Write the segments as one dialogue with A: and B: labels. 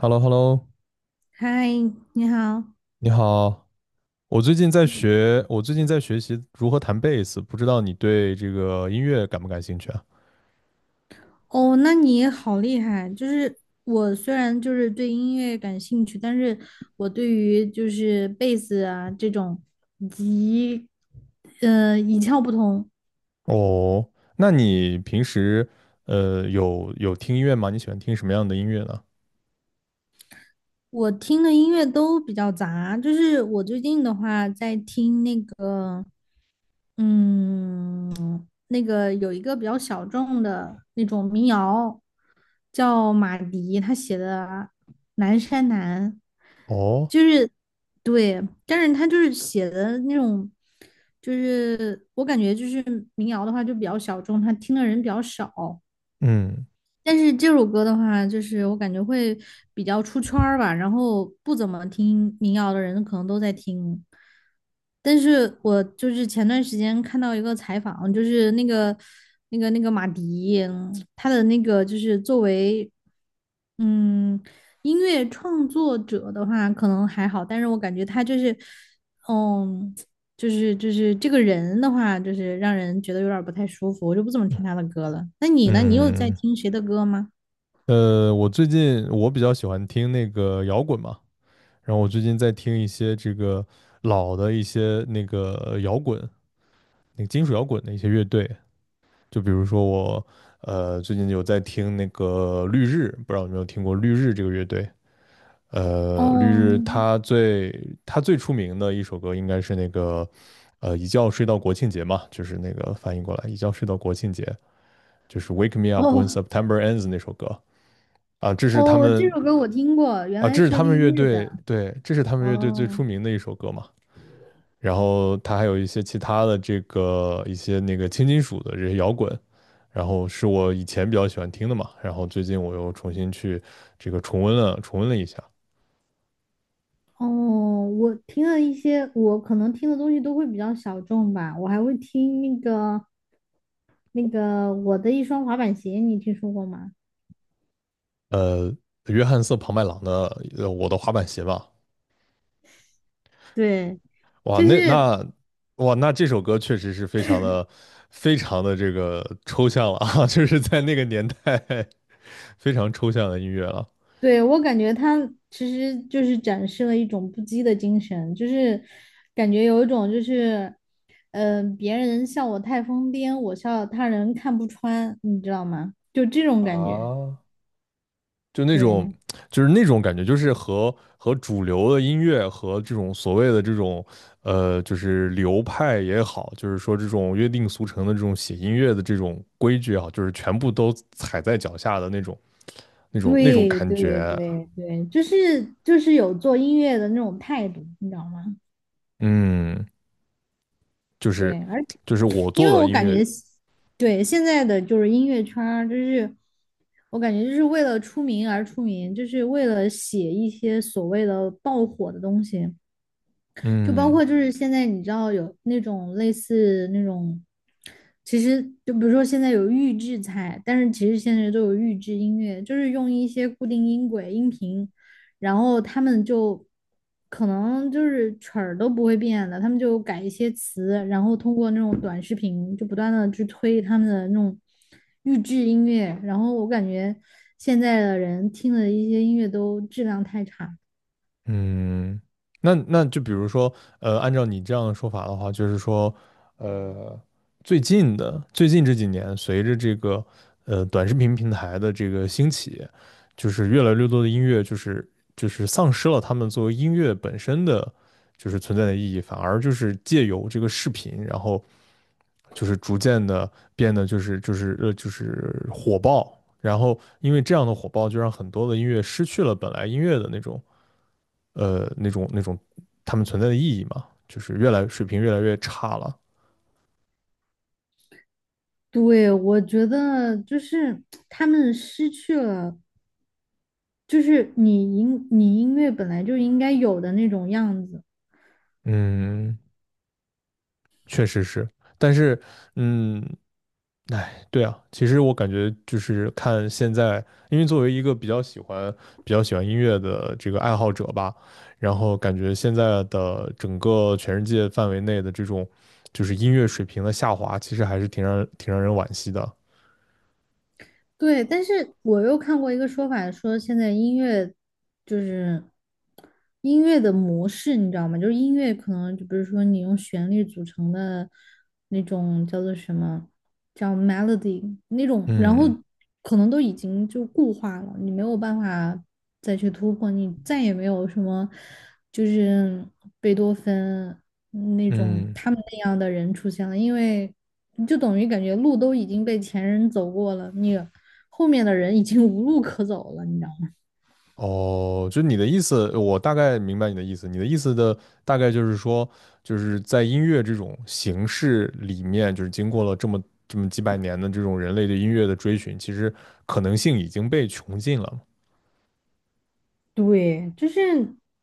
A: h e l l o h e l l o
B: 嗨，你好。
A: 你好。
B: 嗯，
A: 我最近在学习如何弹贝斯，不知道你对这个音乐感不感兴趣啊？
B: 哦，那你也好厉害。就是我虽然就是对音乐感兴趣，但是我对于就是贝斯啊这种以及一窍不通。
A: 哦，那你平时有听音乐吗？你喜欢听什么样的音乐呢？
B: 我听的音乐都比较杂，就是我最近的话在听那个，嗯，那个有一个比较小众的那种民谣，叫马迪，他写的《南山南》，
A: 哦，
B: 就是对，但是他就是写的那种，就是我感觉就是民谣的话就比较小众，他听的人比较少，
A: 嗯
B: 但是这首歌的话，就是我感觉会比较出圈儿吧，然后不怎么听民谣的人可能都在听。但是我就是前段时间看到一个采访，就是那个马迪，他的那个就是作为嗯音乐创作者的话，可能还好，但是我感觉他就是嗯就是这个人的话，就是让人觉得有点儿不太舒服，我就不怎么听他的歌了。那你呢？你有在
A: 嗯，
B: 听谁的歌吗？
A: 我最近我比较喜欢听那个摇滚嘛，然后我最近在听一些这个老的一些那个摇滚，那个金属摇滚的一些乐队。就比如说我，最近有在听那个绿日，不知道有没有听过绿日这个乐队？绿日
B: 哦
A: 它最出名的一首歌应该是那个，一觉睡到国庆节嘛，就是那个翻译过来一觉睡到国庆节，就是《Wake Me Up When
B: 哦
A: September Ends》那首歌啊，这是他
B: 哦，这
A: 们
B: 首歌我听过，原
A: 啊，
B: 来
A: 这是
B: 是
A: 他
B: 绿
A: 们乐
B: 日的。
A: 队对，这是他们乐队最出
B: 哦，
A: 名的一首歌嘛。然后它还有一些其他的这个一些那个轻金属的这些摇滚，然后是我以前比较喜欢听的嘛，然后最近我又重新去这个重温了一下，
B: 哦，我听了一些，我可能听的东西都会比较小众吧。我还会听那个我的一双滑板鞋，你听说过吗？
A: 呃，约翰瑟庞麦郎的《我的滑板鞋》吧，
B: 对，
A: 哇，
B: 就
A: 那
B: 是
A: 那哇那这首歌确实是非常的这个抽象了啊，就是在那个年代 非常抽象的音乐了。
B: 对，我感觉他其实就是展示了一种不羁的精神，就是感觉有一种就是，嗯，别人笑我太疯癫，我笑他人看不穿，你知道吗？就这种感觉。
A: 啊，就那种
B: 对，
A: 就是那种感觉，就是和主流的音乐和这种所谓的这种就是流派也好，就是说这种约定俗成的这种写音乐的这种规矩啊，就是全部都踩在脚下的那种那种
B: 对，
A: 感
B: 对，
A: 觉，
B: 对，对，就是就是有做音乐的那种态度，你知道吗？
A: 嗯，就是
B: 对，而
A: 我
B: 因为
A: 做的
B: 我
A: 音
B: 感
A: 乐，
B: 觉，对现在的就是音乐圈儿，就是我感觉就是为了出名而出名，就是为了写一些所谓的爆火的东西。就包
A: 嗯。
B: 括就是现在你知道有那种类似那种，其实就比如说现在有预制菜，但是其实现在都有预制音乐，就是用一些固定音轨、音频，然后他们就可能就是曲儿都不会变的，他们就改一些词，然后通过那种短视频就不断的去推他们的那种预制音乐，然后我感觉现在的人听的一些音乐都质量太差了。
A: 嗯，那就比如说，按照你这样的说法的话，就是说，呃，最近这几年，随着这个短视频平台的这个兴起，就是越来越多的音乐，就是丧失了他们作为音乐本身的就是存在的意义，反而就是借由这个视频，然后就是逐渐的变得就是火爆，然后因为这样的火爆，就让很多的音乐失去了本来音乐的那种。那种他们存在的意义嘛，就是越来水平越来越差了。
B: 对，我觉得就是他们失去了，就是你音乐本来就应该有的那种样子。
A: 嗯，确实是，但是嗯，哎，对啊，其实我感觉就是看现在，因为作为一个比较喜欢音乐的这个爱好者吧，然后感觉现在的整个全世界范围内的这种就是音乐水平的下滑，其实还是挺让人惋惜的。
B: 对，但是我又看过一个说法，说现在音乐就是音乐的模式，你知道吗？就是音乐可能就比如说你用旋律组成的那种叫做什么，叫 melody 那种，然后
A: 嗯
B: 可能都已经就固化了，你没有办法再去突破，你再也没有什么就是贝多芬那种
A: 嗯。
B: 他们那样的人出现了，因为就等于感觉路都已经被前人走过了，你后面的人已经无路可走了，你知道吗？
A: 哦，就你的意思，我大概明白你的意思。你的意思的大概就是说，就是在音乐这种形式里面，就是经过了这么几百年的这种人类的音乐的追寻，其实可能性已经被穷尽了。
B: 对，就是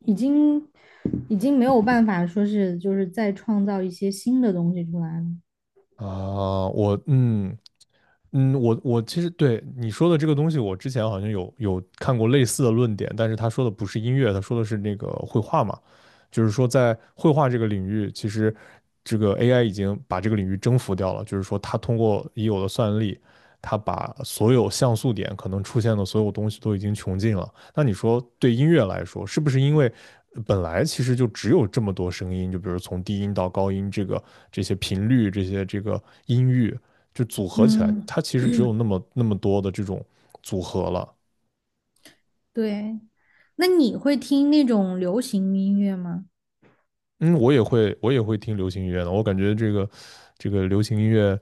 B: 已经没有办法说是就是再创造一些新的东西出来了。
A: 啊，我嗯，嗯，我我其实对你说的这个东西，我之前好像有看过类似的论点，但是他说的不是音乐，他说的是那个绘画嘛，就是说在绘画这个领域，其实这个 AI 已经把这个领域征服掉了，就是说它通过已有的算力，它把所有像素点可能出现的所有东西都已经穷尽了。那你说对音乐来说，是不是因为本来其实就只有这么多声音，就比如从低音到高音这个这些频率，这些这个音域。就组合起来，
B: 嗯，
A: 它其实只有那么多的这种组合了。
B: 对。那你会听那种流行音乐吗？
A: 嗯，我也会听流行音乐的，我感觉这个流行音乐，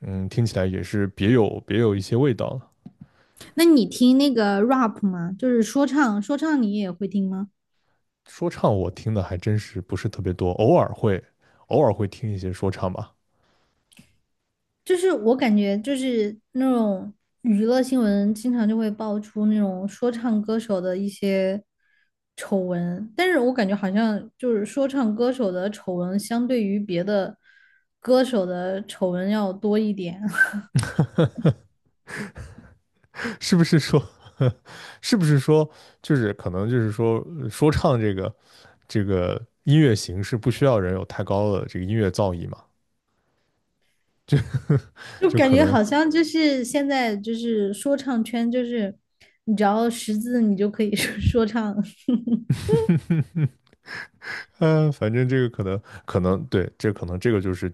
A: 嗯，听起来也是别有一些味道。
B: 那你听那个 rap 吗？就是说唱，说唱你也会听吗？
A: 说唱我听的还真是不是特别多，偶尔会听一些说唱吧。
B: 就是我感觉就是那种娱乐新闻，经常就会爆出那种说唱歌手的一些丑闻，但是我感觉好像就是说唱歌手的丑闻，相对于别的歌手的丑闻要多一点，
A: 是不是说是不是说就是可能就是说说唱这个音乐形式不需要人有太高的这个音乐造诣嘛？
B: 就
A: 就
B: 感
A: 可
B: 觉
A: 能
B: 好像就是现在就是说唱圈，就是你只要识字，你就可以说 说唱。
A: 反正这个可能对，这可能这个就是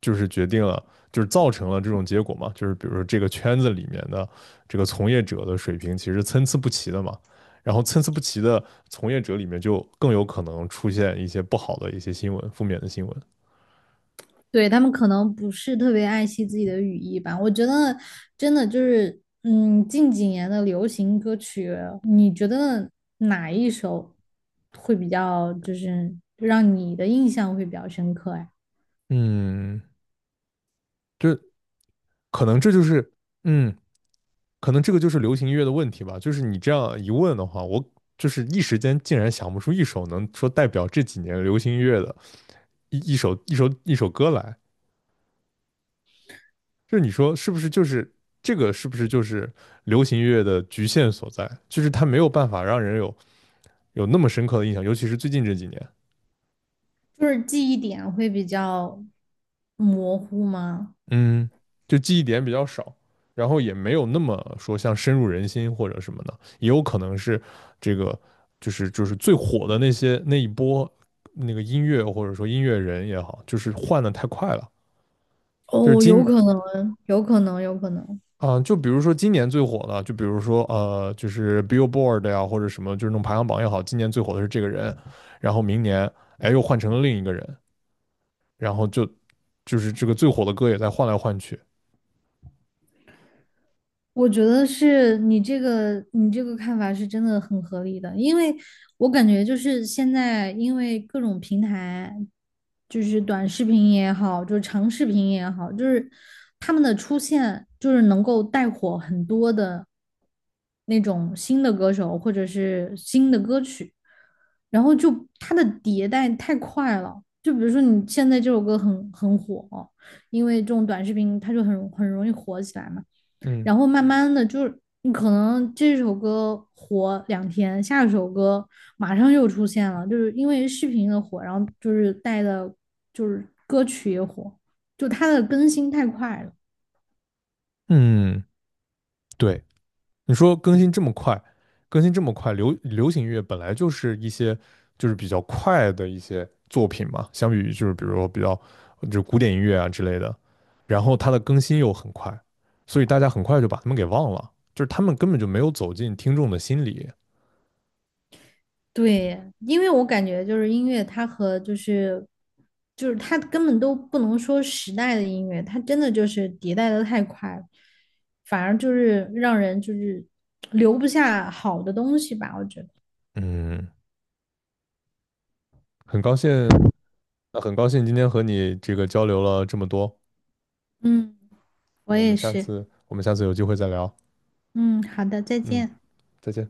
A: 就是决定了，就是造成了这种结果嘛，就是比如说这个圈子里面的这个从业者的水平其实参差不齐的嘛，然后参差不齐的从业者里面就更有可能出现一些不好的一些新闻，负面的新闻。
B: 对，他们可能不是特别爱惜自己的语义吧。我觉得真的就是，嗯，近几年的流行歌曲，你觉得哪一首会比较，就是让你的印象会比较深刻呀？
A: 嗯，这这就是，嗯，可能这个就是流行音乐的问题吧，就是你这样一问的话，我就是一时间竟然想不出一首能说代表这几年流行音乐的一首歌来。就是你说是不是就是是不是就是流行乐的局限所在？就是它没有办法让人有那么深刻的印象，尤其是最近这几年，
B: 就是记忆点会比较模糊吗？
A: 嗯，就记忆点比较少，然后也没有那么说像深入人心或者什么的，也有可能是这个就是最火的那些那一波那个音乐或者说音乐人也好，就是换的太快了。就是
B: 哦，有
A: 今
B: 可能，有可能，有可能。
A: 嗯，就比如说今年最火的，就比如说就是 Billboard 呀，或者什么，就是那种排行榜也好，今年最火的是这个人，然后明年哎又换成了另一个人，然后就就是这个最火的歌也在换来换去。
B: 我觉得是你这个看法是真的很合理的，因为我感觉就是现在因为各种平台，就是短视频也好，就是长视频也好，就是他们的出现就是能够带火很多的那种新的歌手或者是新的歌曲，然后就它的迭代太快了，就比如说你现在这首歌很火，因为这种短视频它就很容易火起来嘛。
A: 嗯
B: 然后慢慢的就是你可能这首歌火两天，下一首歌马上又出现了，就是因为视频的火，然后就是带的，就是歌曲也火，就它的更新太快了。
A: 嗯，对。你说更新这么快，更新这么快，流行乐本来就是一些就是比较快的一些作品嘛，相比于就是比如说就是古典音乐啊之类的，然后它的更新又很快，所以大家很快就把他们给忘了，就是他们根本就没有走进听众的心里。
B: 对，因为我感觉就是音乐，它和就是它根本都不能说时代的音乐，它真的就是迭代的太快了，反而就是让人就是留不下好的东西吧，我觉得。
A: 嗯，很高兴，那很高兴今天和你这个交流了这么多，
B: 嗯，我也是。
A: 我们下次有机会再聊。
B: 嗯，好的，再
A: 嗯，
B: 见。
A: 再见。